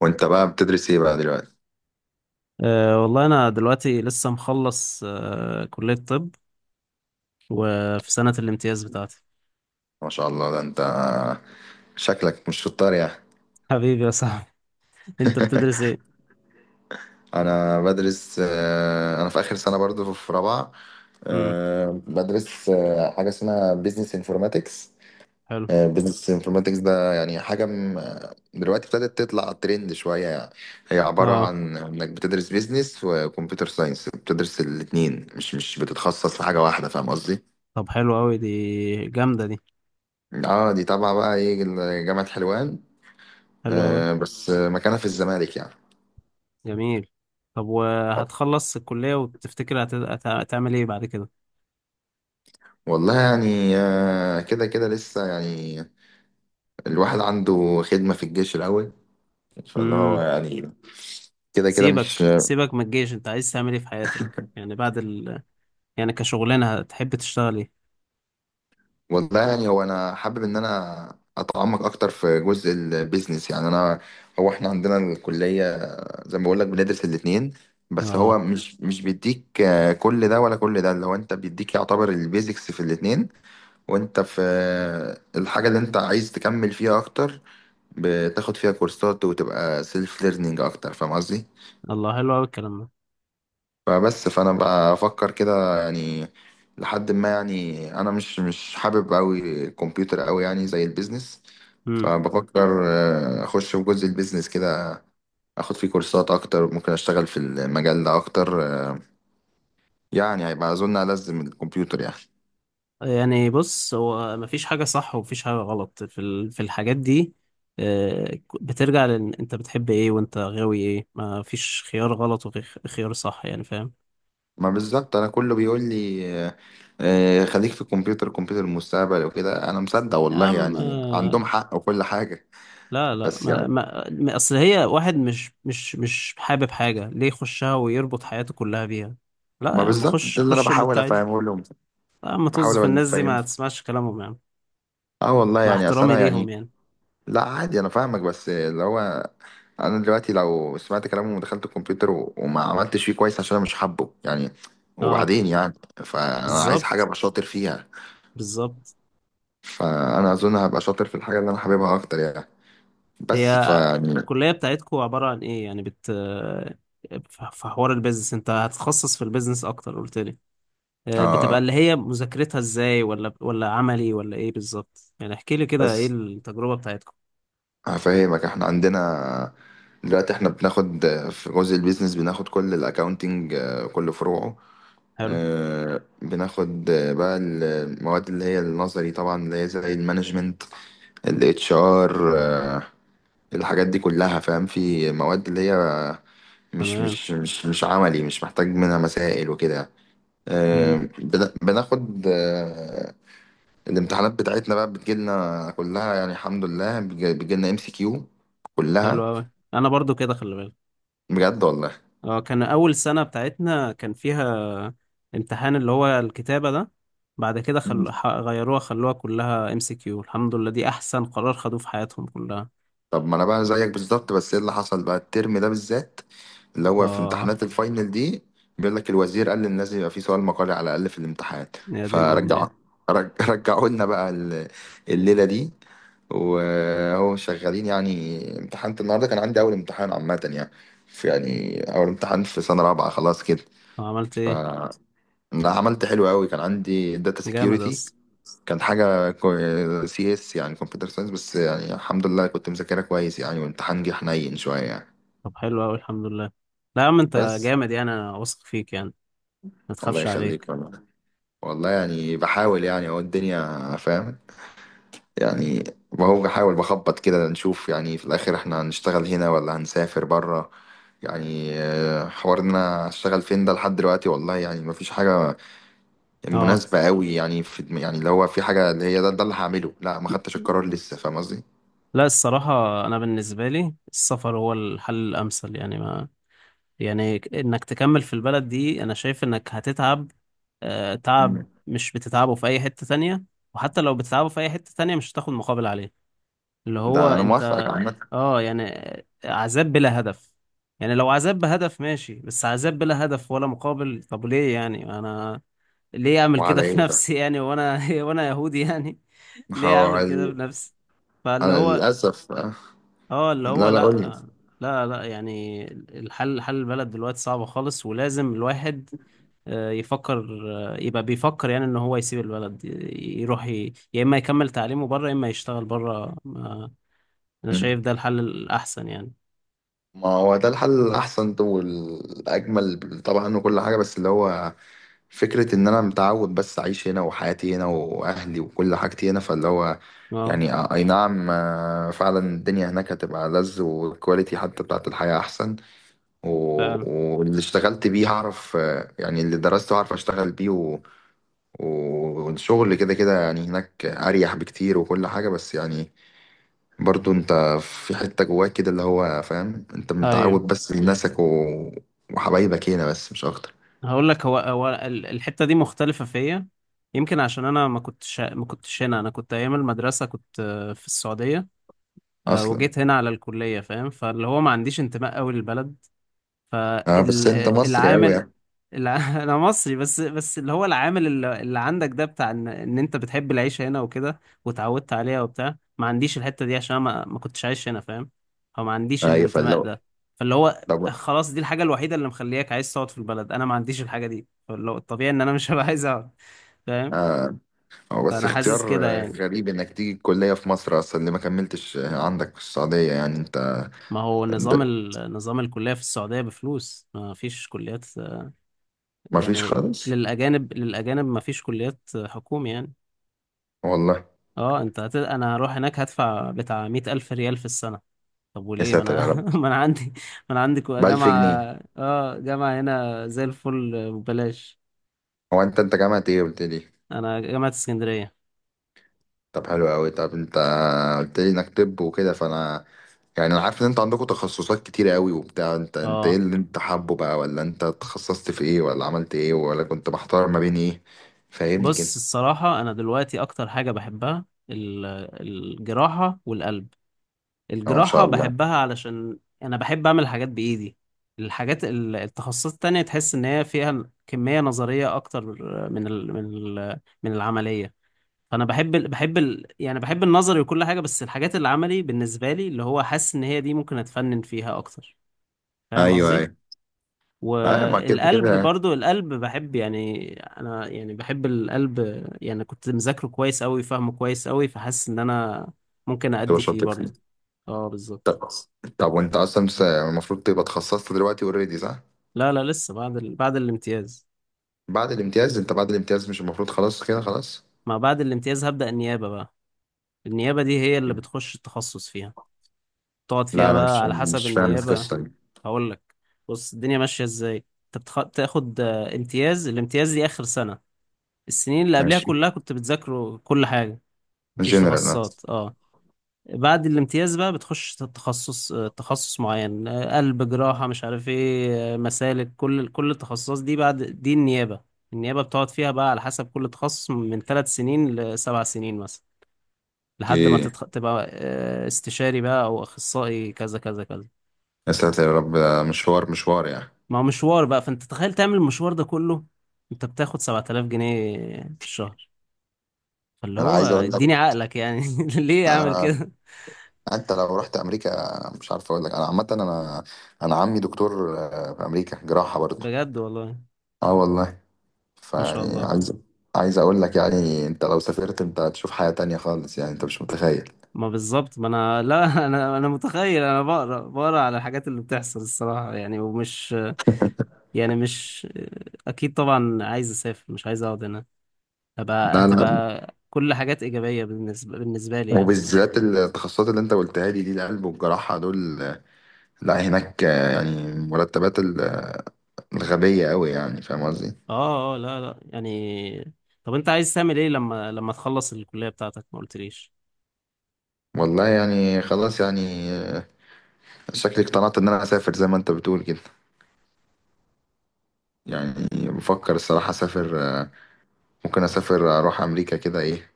وانت بقى بتدرس ايه بقى دلوقتي؟ أه والله أنا دلوقتي لسه مخلص كلية طب، وفي سنة الامتياز بتاعتي. ما شاء الله ده انت شكلك مش شطار يعني. حبيبي يا صاحبي. أنت بتدرس إيه؟ انا بدرس انا في اخر سنه برضو في رابعه. امم، بدرس حاجه اسمها بيزنس انفورماتكس. حلو. بيزنس انفورماتكس ده يعني حاجه دلوقتي ابتدت تطلع ترند شويه يعني. هي عباره أه، عن انك بتدرس بيزنس وكمبيوتر ساينس، بتدرس الاتنين، مش بتتخصص في حاجه واحده، فاهم قصدي؟ طب حلو أوي دي، جامدة دي، اه، دي طبعا بقى ايه، جامعه حلوان. حلو أوي، بس مكانها في الزمالك يعني. جميل. طب وهتخلص الكلية وتفتكر هتعمل إيه بعد كده؟ والله يعني كده كده لسه يعني، الواحد عنده خدمة في الجيش الأول، فاللي هو امم. يعني كده كده مش. سيبك سيبك من الجيش، أنت عايز تعمل إيه في حياتك؟ يعني بعد ال يعني كشغلانة هتحب تشتغل إيه؟ والله يعني هو أنا حابب إن أنا أتعمق أكتر في جزء البيزنس يعني. أنا هو إحنا عندنا الكلية، زي ما بقول لك، بندرس الاتنين، بس أه. هو مش بيديك كل ده ولا كل ده، اللي هو أنت بيديك يعتبر البيزكس في الاتنين، وأنت في الحاجة اللي أنت عايز تكمل فيها أكتر بتاخد فيها كورسات وتبقى سيلف ليرنينج أكتر، فاهم قصدي؟ الله، حلو أوي الكلام فبس فانا بفكر كده يعني، لحد ما يعني انا مش حابب قوي الكمبيوتر قوي يعني زي البيزنس. ده. فبفكر اخش في جزء البيزنس كده، اخد فيه كورسات اكتر، ممكن اشتغل في المجال ده اكتر يعني، هيبقى اظن ألزم الكمبيوتر يعني. يعني بص، هو مفيش حاجة صح ومفيش حاجة غلط في في الحاجات دي. بترجع لأن أنت بتحب إيه وأنت غاوي إيه. مفيش خيار غلط وخيار صح، يعني فاهم. ما بالظبط انا كله بيقول لي خليك في الكمبيوتر، الكمبيوتر المستقبل وكده، انا مصدق يا والله عم، يعني، عندهم حق وكل حاجة، لا لا، بس يعني. أصل هي واحد مش حابب حاجة ليه يخشها ويربط حياته كلها بيها؟ لا يا ما عم، بالظبط خش ده اللي انا خش اللي أنت بحاول عايزه. افهمه لهم، لا يا عم، طز بحاول في الناس دي، افهمهم. ما تسمعش كلامهم يا عم. اه والله مع يعني اصل احترامي انا ليهم يعني. يعني. لا عادي انا فاهمك، بس اللي هو انا دلوقتي لو سمعت كلامهم ودخلت الكمبيوتر وما عملتش فيه كويس عشان انا مش حابه يعني، أه، وبعدين يعني فانا عايز حاجه بالظبط، ابقى شاطر فيها. بالظبط. فانا اظن هبقى شاطر في الحاجه اللي انا حاببها اكتر يعني، بس هي فيعني. الكلية بتاعتكم عبارة عن ايه؟ يعني في حوار البيزنس، انت هتتخصص في البيزنس اكتر قلت لي. بتبقى اه اللي هي مذاكرتها ازاي؟ ولا عملي ولا ايه بالظبط؟ يعني احكي لي كده ايه بس التجربة بتاعتكم. هفهمك. احنا عندنا دلوقتي احنا بناخد في جزء البيزنس، بناخد كل الاكاونتنج، كل فروعه. حلو. بناخد بقى المواد اللي هي النظري طبعا، اللي هي زي المانجمنت، الاتش ار، الحاجات دي كلها، فاهم، في مواد اللي هي مش تمام. مش مش مش عملي، مش محتاج منها مسائل وكده. آه، مم. بن- بناخد آه، الامتحانات بتاعتنا بقى بتجيلنا كلها يعني، الحمد لله، بتجيلنا ام سي كيو حلو كلها. قوي، انا برضو كده، خلي بالك. بجد والله. اه، كان اول سنة بتاعتنا كان فيها امتحان اللي هو الكتابة ده. بعد كده غيروها، خلوها كلها ام سي كيو. الحمد لله، دي احسن قرار خدوه في حياتهم كلها. طب ما انا بقى زيك بالظبط، بس ايه اللي حصل بقى الترم ده بالذات، اللي هو في اه. امتحانات الفاينل دي، بيقول لك الوزير قال ان لازم يبقى في سؤال مقالي على الاقل في الامتحان. يا دين فرجع، امي! رجعوا لنا بقى الليله دي، وهو شغالين يعني. امتحنت النهارده، كان عندي اول امتحان عامه يعني، في يعني اول امتحان في سنه رابعه خلاص كده. عملت ف ايه؟ انا عملت حلو قوي، كان عندي داتا جامد سكيورتي، اصلا. كان حاجة سي اس يعني كمبيوتر ساينس، بس يعني الحمد لله كنت مذاكرها كويس يعني، والامتحان جه حنين شوية يعني. طب حلو اوي، الحمد لله. لا يا عم، انت بس جامد يعني، انا واثق فيك يعني، ما الله تخافش يخليك عليك. والله. والله يعني بحاول يعني، اهو الدنيا فاهم يعني، بهو بحاول بخبط كده نشوف يعني، في الآخر احنا هنشتغل هنا ولا هنسافر برا يعني. حوار ان انا اشتغل فين ده لحد دلوقتي والله يعني مفيش حاجة اه. مناسبة قوي يعني، في يعني اللي هو في حاجة اللي هي ده, ده اللي هعمله، لا، ما خدتش القرار لسه، فاهم قصدي؟ لا، الصراحة أنا بالنسبة لي السفر هو الحل الأمثل يعني. ما يعني إنك تكمل في البلد دي، أنا شايف إنك هتتعب، تعب مم. مش بتتعبه في أي حتة تانية. وحتى لو بتتعبه في أي حتة تانية، مش هتاخد مقابل عليه. اللي هو ده انا انت. موافقك عامة. اه يعني، عذاب بلا هدف. يعني لو عذاب بهدف ماشي، بس عذاب بلا هدف ولا مقابل، طب ليه يعني؟ انا ليه اعمل كده وعلى في ايه بقى؟ نفسي يعني، وانا وانا يهودي يعني. ليه اعمل كده في حوالي نفسي؟ فاللي انا هو. للاسف اه، اللي هو لا لا قول لي. لا. لا لا، يعني الحل حل البلد دلوقتي صعب خالص، ولازم الواحد يفكر، يبقى بيفكر يعني، ان هو يسيب البلد يروح، يا اما يكمل تعليمه بره، يا اما يشتغل بره. انا شايف مم. ده الحل الاحسن يعني. ما هو ده الحل الاحسن والاجمل طبعا وكل حاجه، بس اللي هو فكره ان انا متعود بس اعيش هنا، وحياتي هنا واهلي وكل حاجتي هنا، فاللي هو اه، يعني اي نعم فعلا، الدنيا هناك هتبقى لذ، والكواليتي حتى بتاعت الحياه احسن، فعلا. واللي اشتغلت بيه هعرف يعني اللي درسته هعرف اشتغل بيه، والشغل كده كده يعني هناك اريح بكتير وكل حاجه، بس يعني برضو انت في حته جواك كده اللي هو، فاهم، انت ايوه، متعود بس لناسك وحبايبك هنا، بس مش اكتر هقول لك. الحته دي مختلفه فيا، يمكن عشان انا ما كنتش هنا. انا كنت ايام المدرسه، كنت في السعوديه، اصلا. وجيت هنا على الكليه، فاهم؟ فاللي هو ما عنديش انتماء قوي للبلد. اه بس انت مصري قوي فالعامل. يعني. انا مصري، بس اللي هو العامل اللي عندك ده، بتاع ان انت بتحب العيشه هنا وكده وتعودت عليها وبتاع. ما عنديش الحته دي عشان أنا ما كنتش عايش هنا، فاهم؟ او ما عنديش ايوه الانتماء فلو. ده. فاللي هو طب خلاص، دي الحاجه الوحيده اللي مخلياك عايز تقعد في البلد، انا ما عنديش الحاجه دي، فاللي هو الطبيعي ان انا مش هبقى عايز اقعد، فاهم؟ آه، هو بس فانا حاسس اختيار كده يعني. غريب انك تيجي الكليه في مصر اصلا اللي ما كملتش عندك في السعوديه يعني، انت ما هو ب... نظام نظام الكليه في السعوديه بفلوس، ما فيش كليات ما فيش يعني. خالص. للأجانب مفيش كليات حكومي يعني. والله؟ اه، انا هروح هناك هدفع بتاع مئة ألف ريال في السنة. طب يا وليه؟ ما ساتر يا انا رب. ما انا عندي. ما انا عندي بألف جامعة. جنيه. اه، جامعة هنا زي الفل ببلاش. هو انت انت جامعة ايه قلت لي؟ انا جامعة اسكندرية. طب حلو قوي. طب انت قلت لي انك طب وكده، فانا يعني انا عارف ان انت عندكم تخصصات كتيرة قوي وبتاع، انت انت ايه اه، اللي انت حابه بقى، ولا انت تخصصت في ايه، ولا عملت ايه، ولا كنت محتار ما بين ايه، فاهمني كده؟ بص، الصراحة انا دلوقتي اكتر حاجة بحبها الجراحة والقلب. اه ان شاء الجراحة الله. بحبها علشان أنا بحب أعمل حاجات بإيدي. الحاجات التخصصات التانية، تحس إن هي فيها كمية نظرية أكتر من ال من من العملية. فأنا بحب ال بحب ال يعني بحب النظري وكل حاجة، بس الحاجات العملي بالنسبة لي اللي هو حاسس إن هي دي ممكن أتفنن فيها أكتر، فاهم ايوه قصدي؟ ايوه. ايوه ما كده والقلب كده برضو، القلب بحب يعني، أنا يعني بحب القلب، يعني كنت مذاكره كويس أوي، فاهمه كويس أوي، فحاسس إن أنا ممكن تبقى أأدي فيه شاطر فيه. برضو. اه، بالظبط. طب طب وانت اصلا المفروض تبقى اتخصصت دلوقتي اوريدي صح؟ لا لا، لسه بعد الامتياز. بعد الامتياز. انت بعد الامتياز مش المفروض خلاص كده خلاص؟ ما بعد الامتياز هبدأ النيابة بقى. النيابة دي هي اللي بتخش التخصص فيها، تقعد لا فيها انا بقى مش على حسب مش فاهم النيابة. القصة دي. هقول لك، بص الدنيا ماشية ازاي. انت بتاخد امتياز. الامتياز دي آخر سنة. السنين اللي قبلها ماشي. كلها كنت بتذاكره كل حاجة، مفيش جنرال. تخصصات. اه، بعد الامتياز بقى بتخش تخصص، تخصص معين، قلب، جراحة، مش عارف ايه، مسالك، كل التخصصات دي بعد دي النيابة. النيابة بتقعد فيها بقى على حسب كل تخصص، من ثلاث سنين لسبع سنين مثلا. لحد ما اوكي. تبقى استشاري بقى او اخصائي، كذا كذا كذا. يا ساتر يا رب، ده مشوار مشوار يعني. ما هو مشوار بقى، فانت تخيل تعمل المشوار ده كله، انت بتاخد 7000 جنيه في الشهر. فاللي انا هو عايز اقول لك اديني عقلك يعني، ليه اعمل آه، كده؟ انت لو رحت امريكا، مش عارف اقول لك، انا عامه انا، انا عمي دكتور في امريكا، جراحه برضه. بجد والله. اه والله. ما شاء فيعني الله. عايز عايز اقول لك يعني، انت لو سافرت انت هتشوف حياه تانية خالص يعني، انت مش متخيل. ما بالظبط. ما انا لا، انا متخيل، انا بقرا على الحاجات اللي بتحصل الصراحه يعني، ومش يعني، مش اكيد طبعا عايز اسافر، مش عايز اقعد هنا. هبقى لا لا، هتبقى كل حاجات ايجابيه بالنسبه لي يعني. وبالذات التخصصات اللي انت قلتها لي دي، القلب والجراحه دول لا هناك يعني مرتبات الغبيه قوي يعني، فاهم قصدي؟ اه، اه، لا لا يعني. طب انت عايز تعمل ايه لما تخلص الكليه بتاعتك؟ ما قلتليش. والله يعني خلاص يعني شكلي اقتنعت ان انا اسافر زي ما انت بتقول كده يعني. بفكر الصراحه اسافر ممكن اسافر اروح امريكا كده ايه،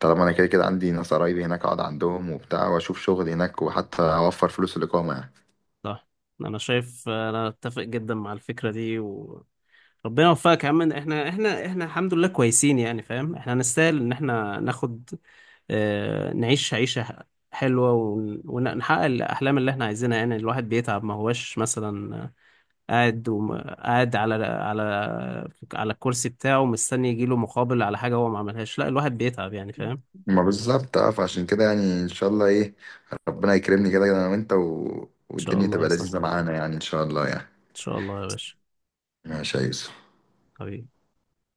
طالما انا كده كده عندي ناس قرايبي هناك، اقعد عندهم وبتاع، واشوف شغل هناك، وحتى اوفر فلوس الاقامه يعني. صح. انا اتفق جدا مع الفكره دي ربنا يوفقك يا عم. احنا الحمد لله كويسين، يعني فاهم، احنا نستاهل ان احنا ناخد، نعيش عيشة حلوة ونحقق الأحلام اللي احنا عايزينها يعني. الواحد بيتعب، ما هوش مثلا قاعد، على على الكرسي بتاعه مستني يجيله مقابل على حاجة هو ما عملهاش. لا، الواحد بيتعب يعني، فاهم. إن ما بالظبط. اه فعشان كده يعني ان شاء الله ايه، ربنا يكرمني كده انا وانت شاء والدنيا الله يا تبقى لذيذه صاحبي، معانا يعني، ان شاء الله يعني. إن شاء الله يا باشا، ماشي يا يوسف. حبيبي.